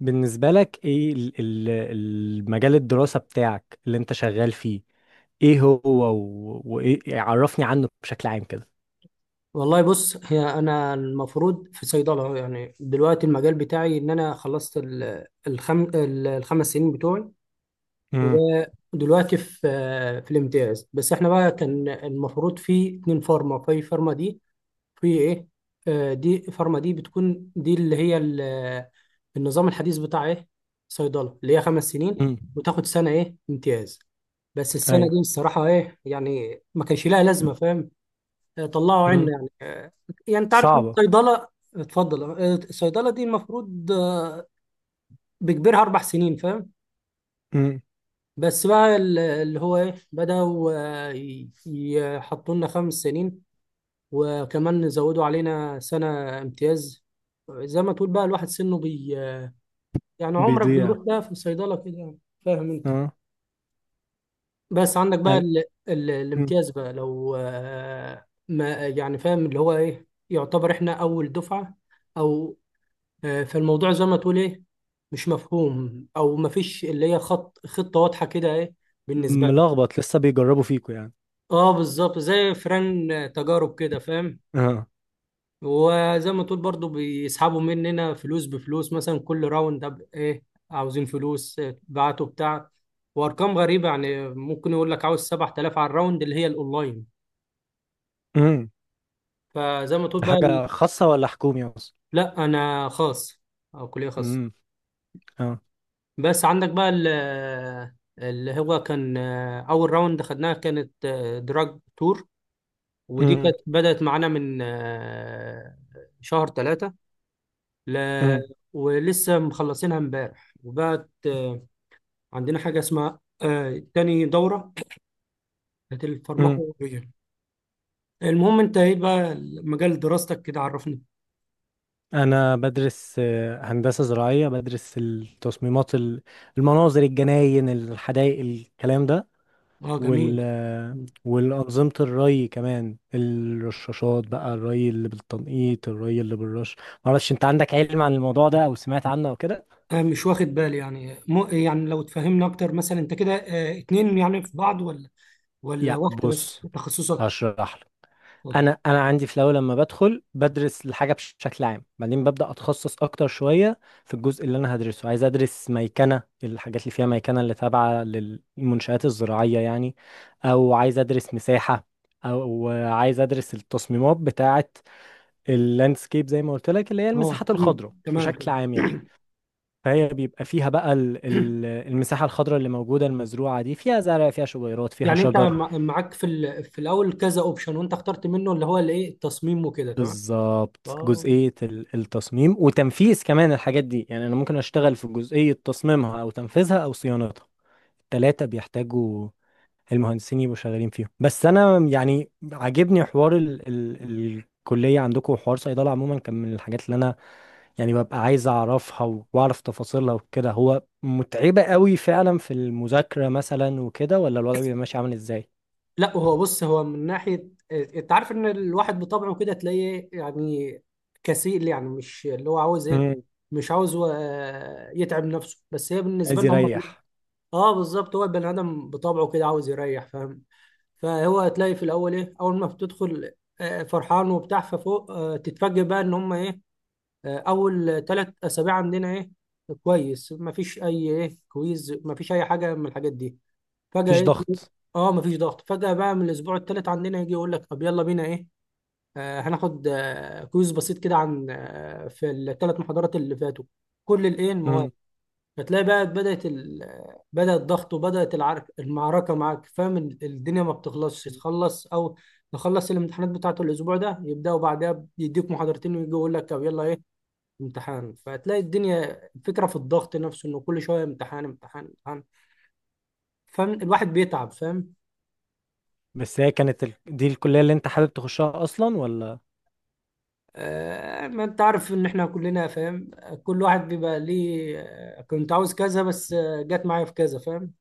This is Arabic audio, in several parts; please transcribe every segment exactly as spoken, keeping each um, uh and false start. بالنسبة لك ايه ال- ال- المجال الدراسة بتاعك اللي انت شغال فيه؟ ايه هو و- وايه يعني عرفني عنه بشكل عام كده. والله بص هي انا المفروض في صيدله أهو، يعني دلوقتي المجال بتاعي ان انا خلصت ال- الخم... ال- الخمس سنين بتوعي. امم. ودلوقتي في في الامتياز. بس احنا بقى كان المفروض في اتنين فارما في فارما دي في ايه. آه، دي فارما دي بتكون دي اللي هي ال- النظام الحديث بتاع ايه صيدله اللي هي خمس سنين، امم. وتاخد سنه ايه امتياز. بس السنه ايوه. دي الصراحه ايه يعني ما كانش لها لازمه، فاهم؟ طلعوا امم. عنا. يعني انت عارف إن صعبة. الصيدله، اتفضل. آه، الصيدله دي المفروض آه، بكبرها اربع سنين، فاهم؟ امم. بس بقى ال- اللي هو ايه بداوا، آه، ي- يحطوا لنا خمس سنين، وكمان زودوا علينا سنه امتياز. زي ما تقول بقى الواحد سنه بي، يعني عمرك بيروح بيضيع. بقى في الصيدله كده يعني، فاهم انت؟ اه. بس عندك بقى أنا. ال... ال... امم. الامتياز بقى، لو آه، ما يعني فاهم اللي هو ايه، يعتبر احنا اول دفعه او آه، فالموضوع زي ما تقول ايه مش مفهوم، او مفيش اللي هي خط خطة واضحة كده ايه بالنسبة لنا. ملخبط، لسه بيجربوا فيكوا يعني. اه بالظبط زي فران، آه، تجارب كده، فاهم؟ اه. وزي ما تقول برضو بيسحبوا مننا فلوس بفلوس، مثلا كل راوند أب- ايه عاوزين فلوس، آه، بعتوا بتاع. وارقام غريبة، يعني ممكن يقول لك عاوز سبعة آلاف على الراوند اللي هي الاونلاين. امم. فزي ما تقول ده بقى ال- حاجة خاصة ولا حكومي اصلا؟ لا انا خاص، او كلية خاصة. امم. اه. بس عندك بقى ال- اللي هو كان آه، اول راوند خدناها كانت دراج تور، ودي امم. كانت بدأت معانا من آه، شهر ثلاثة، ل... امم. ولسه مخلصينها امبارح، وبقت آه، عندنا حاجة اسمها آه، تاني دورة بتاعت امم. الفارماكولوجيا. المهم انت ايه بقى مجال دراستك، كده عرفني. انا بدرس آه، هندسة زراعية، بدرس التصميمات ال- المناظر الجناين، الحدائق، الكلام ده. اه جميل. وال والأنظمة الري كمان، الرشاشات بقى، الري اللي بالتنقيط، الري اللي بالرش. معرفش انت عندك علم عن الموضوع ده او سمعت عنه او كده؟ آه، مش واخد بالي، يعني مو يعني لو تفهمنا اكتر، مثلا انت كده آه، اتنين يعني في بعض، ولا ولا يا واحدة بس بص، تخصصك؟ هشرح لك. اتفضل. انا انا عندي في الاول لما بدخل بدرس الحاجه بش- بشكل عام، بعدين ببدا اتخصص اكتر شويه في الجزء اللي انا هدرسه. عايز ادرس ميكنه، الحاجات اللي فيها ميكنه اللي تابعه للمنشآت الزراعيه يعني، او عايز ادرس مساحه، او عايز ادرس التصميمات بتاعه اللاندسكيب زي ما قلت لك، اللي هي اه المساحات مم. الخضراء تمام بشكل تمام. عام يعني. فهي بيبقى فيها بقى ال- ال- المساحة الخضراء اللي موجودة المزروعة، دي فيها زرع، فيها شجيرات، فيها يعني انت شجر. مع- معاك في ال- في الاول كذا اوبشن، وانت اخترت منه اللي هو الايه التصميم وكده، تمام. بالظبط اه. جزئية ال- التصميم وتنفيذ كمان الحاجات دي يعني. أنا ممكن أشتغل في جزئية تصميمها أو تنفيذها أو صيانتها. التلاتة بيحتاجوا المهندسين يبقوا شغالين فيهم. بس أنا يعني عاجبني حوار ال ال الكلية عندكم، وحوار صيدلة عموما كان من الحاجات اللي أنا يعني ببقى عايز اعرفها و- واعرف تفاصيلها وكده. هو متعبة قوي فعلا في المذاكرة مثلا وكده، ولا الوضع بيبقى ماشي عامل ازاي؟ لا هو بص هو من ناحية آه، انت عارف ان الواحد بطبعه كده تلاقيه يعني كسيل، يعني مش اللي هو عاوز ايه، امم. مش عاوز هو، آه، يتعب نفسه، بس هي بالنسبة عايز لنا هم. يريح. اه بالظبط هو البني ادم بطبعه كده عاوز يريح، فاهم؟ فهو هتلاقي في الاول ايه اول ما بتدخل آه، فرحان وبتاع، ففوق آه، تتفاجئ بقى ان هم ايه. آه، اول تلات اسابيع عندنا ايه كويس، مفيش اي ايه كويز، مفيش اي حاجه من الحاجات دي. فجاه مفيش ايه تلاقي- ضغط. اه مفيش ضغط. فجاه بقى من الاسبوع الثالث عندنا يجي يقول لك طب يلا بينا ايه، آه، هناخد آه، كويز بسيط كده عن آه، في الثلاث محاضرات اللي فاتوا، كل الايه المواد. امم. فتلاقي بقى بدأت ال... بدأ الضغط، وبدأت العرك... المعركة معاك، فاهم؟ الدنيا ما بتخلصش. تخلص أو نخلص الامتحانات بتاعته الأسبوع ده، يبدأوا بعدها يديك محاضرتين، ويجي يقول لك طب يلا إيه امتحان. فتلاقي الدنيا فكرة في الضغط نفسه، إنه كل شوية امتحان امتحان امتحان، فاهم؟ الواحد بيتعب، فاهم؟ بس هي كانت ال... دي الكلية اللي انت حابب تخشها اصلا، ولا؟ آه ما انت عارف ان احنا كلنا فاهم، كل واحد بيبقى ليه آه، كنت عاوز كذا بس آه، جت معايا في كذا، فاهم؟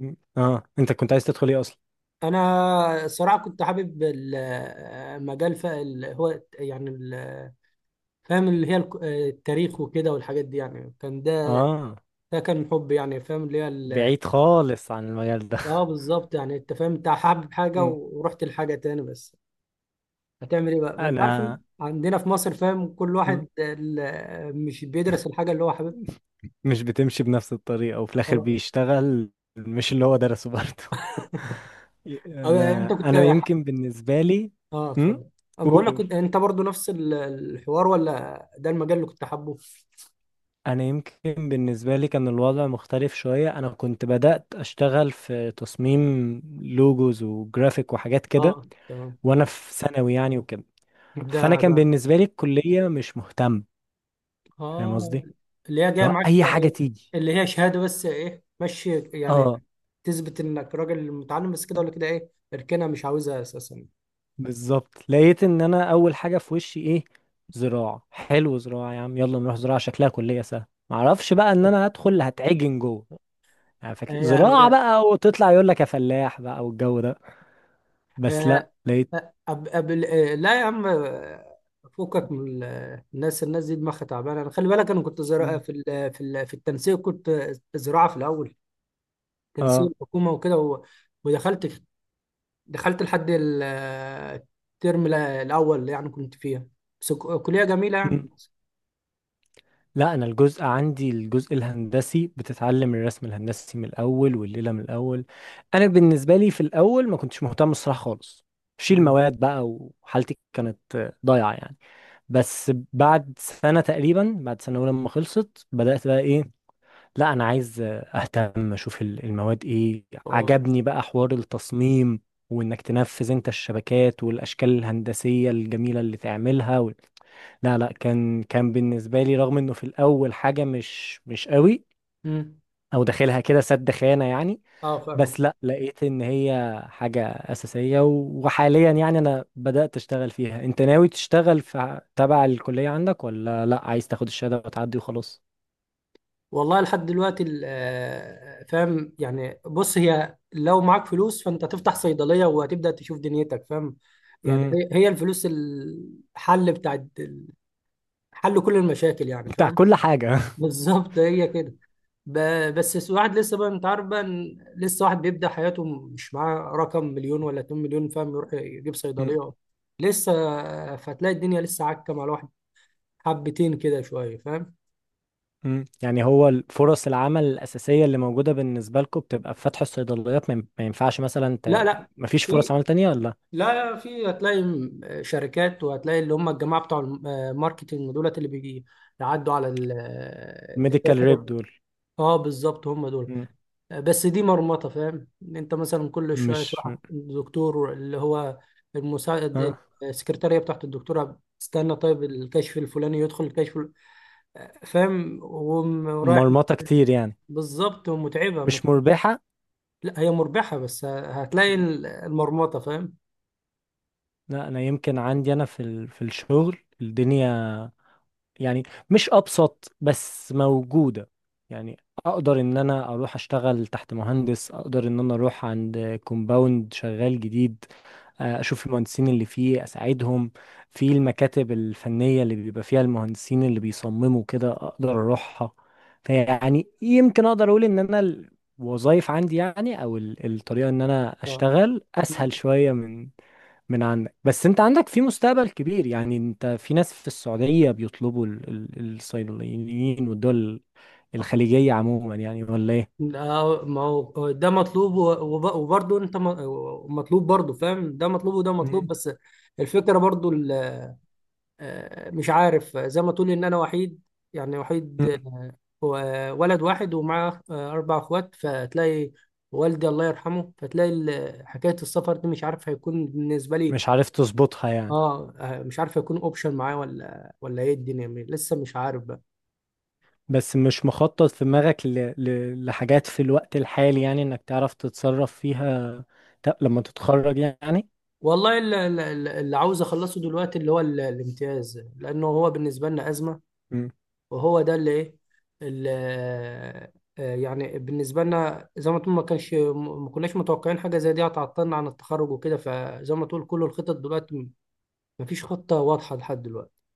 مم. اه، انت كنت عايز تدخل ايه اصلا؟ انا الصراحه كنت حابب المجال ف- ال- هو يعني ال- فاهم اللي هي الك- آه، التاريخ وكده والحاجات دي، يعني كان ده، اه، ده كان حب، يعني فاهم اللي هي ال- بعيد خالص عن المجال ده. اه بالظبط. يعني انت فاهم انت حابب حاجه امم. ورحت لحاجه تاني، بس هتعمل ايه بقى، ما انت عارف إن انا. عندنا في مصر، فاهم؟ كل مم. واحد ال- مش بيدرس الحاجه اللي هو حاببها. مش بتمشي بنفس الطريقة، وفي الاخر اه بيشتغل مش اللي هو درسه برضه. آه، انت انا كنت، انا يمكن بالنسبه لي. اه امم. اتفضل. أما بقول قول لك قول. كنت، انت برضو نفس ال- الحوار؟ ولا ده المجال اللي كنت حابه؟ انا يمكن بالنسبه لي كان الوضع مختلف شويه. انا كنت بدات اشتغل في تصميم لوجوز وجرافيك وحاجات كده، اه تمام. وانا في ثانوي يعني وكده. ده فانا كان ده بالنسبه لي الكليه مش مهتم، فاهم اه قصدي، اللي هي جايه لو معاك، اي حاجه يعني تيجي. اللي هي شهاده بس ايه ماشي يعني، اه تثبت انك راجل متعلم، بس كده ولا كده ايه؟ اركنها مش عاوزها اساسا. بالظبط، لقيت ان انا اول حاجه في وشي ايه، زراعه، حلو، زراعه يا عم، يلا نروح زراعه، شكلها كليه سهله. معرفش بقى ان انا هدخل هتعجن جوه يعني. فاكر هي زراعة هي. بقى وتطلع يقول لك يا فلاح بقى والجو ده، بس لا هي لقيت. أب أب لا يا عم. فكك من ال- الناس الناس دي دماغها تعبانه. انا خلي بالك انا كنت زراعه مم. في ال- في ال- في التنسيق، كنت زراعه في الاول، اه. تنسيق حكومه وكده، و- ودخلت، دخلت لحد ال- الترم ال- الاول، يعني كنت فيها، بس ك- كليه جميله يعني. مم. لا، انا الجزء عندي الجزء الهندسي، بتتعلم الرسم الهندسي من الاول، والليلة من الاول. انا بالنسبة لي في الاول ما كنتش مهتم الصراحة خالص، شيل مم. مواد بقى، وحالتي كانت آه، ضايعة يعني. بس بعد سنة تقريبا، بعد سنة أولى لما خلصت، بدأت بقى إيه، لا انا عايز اهتم اشوف ال- المواد ايه. اه عجبني بقى حوار التصميم، وانك تنفذ انت الشبكات والاشكال الهندسية الجميلة اللي تعملها، و... لا لا كان كان بالنسبة لي رغم انه في الاول حاجة مش مش قوي، مم. او داخلها كده سد خانة يعني. اه بس فاهمك. لا لقيت ان هي حاجة اساسية و- وحاليا يعني انا بدأت اشتغل فيها. انت ناوي تشتغل في تبع الكلية عندك، ولا لا، عايز تاخد الشهادة وتعدي وخلاص؟ والله لحد دلوقتي ال- آه، فاهم يعني، بص هي لو معاك فلوس فانت تفتح صيدلية، وهتبدأ تشوف دنيتك، فاهم؟ يعني امم. هي هي الفلوس الحل بتاع، حل كل المشاكل، يعني بتاع فاهم؟ كل حاجة. بالظبط هي كده. ب- بس س- واحد لسه بقى. انت عارف بقى إن لسه واحد بيبدأ حياته مش معاه رقم مليون، ولا 2 مليون، فاهم؟ يروح يجيب صيدلية لسه. فتلاقي الدنيا لسه عكة مع الواحد حبتين كده شوية، فاهم؟ مم. يعني هو فرص العمل الأساسية اللي موجودة بالنسبة لكم بتبقى في فتح الصيدليات؟ ما ين- ما ينفعش مثلا ت... لا لا. ما فيش فرص في. عمل تانية ولا؟ لا لا، في. هتلاقي م- شركات، وهتلاقي اللي هم الجماعه بتوع الماركتنج دولت، اللي بيجي يعدوا على ال- آه، الميديكال ريب الدكاتره. دول. اه بالظبط هم دول. مم. آه، بس دي مرمطه، فاهم إن انت مثلا كل شويه مش. تروح الدكتور اللي هو المساعد، آه. السكرتاريه بتاعت الدكتوره تستنى، طيب الكشف الفلاني يدخل الكشف ال- آه، فاهم، وم- ورايح. مرمطة كتير يعني. بالظبط ومتعبه مش مت- مربحة. لا هي مربحه، بس هتلاقي مم. المرمطه، فاهم؟ لا أنا يمكن عندي أنا في ال... في الشغل الدنيا يعني، مش أبسط بس موجودة يعني. أقدر إن أنا أروح أشتغل تحت مهندس، أقدر إن أنا أروح عند كومباوند شغال جديد، آه، اشوف المهندسين اللي فيه اساعدهم، في المكاتب الفنية اللي بيبقى فيها المهندسين اللي بيصمموا كده اقدر اروحها. فيعني يمكن اقدر اقول ان انا الوظائف عندي يعني، او ال- الطريقة ان انا اشتغل اسهل شوية من من عندك. بس انت عندك في مستقبل كبير يعني، انت في ناس في السعودية بيطلبوا ال- ال- الصيدليين، والدول اه الخليجية عموما يعني، ولا ايه؟ لا ما هو ده مطلوب و- وب- وبرضه انت م- مطلوب برضه، فاهم؟ ده مطلوب وده مطلوب، مم. بس الفكرة برضه ال- آه، مش عارف. زي ما تقول ان انا وحيد، يعني وحيد. مم. آه، ولد واحد، ومعاه آه، اربع اخوات، فتلاقي والدي الله يرحمه. فتلاقي ال- حكاية السفر دي مش عارف هيكون بالنسبة لي. مش عارف تظبطها يعني. اه آه، مش عارف هيكون اوبشن معايا، ولا ولا ايه. الدنيا لسه مش عارف بقى. بس مش مخطط في دماغك ل... ل... لحاجات في الوقت الحالي يعني، انك تعرف تتصرف فيها ت- لما تتخرج يعني؟ والله اللي, اللي اللي عاوز اخلصه دلوقتي اللي هو ال- الامتياز، لانه هو بالنسبة لنا أزمة. وهو ده اللي ايه، اللي آه، آه، يعني بالنسبه لنا زي ما تقول، ما كانش ما كناش متوقعين حاجه زي دي هتعطلنا عن التخرج وكده. فزي ما تقول كل الخطط دلوقتي، ما فيش خطه واضحه لحد دلوقتي.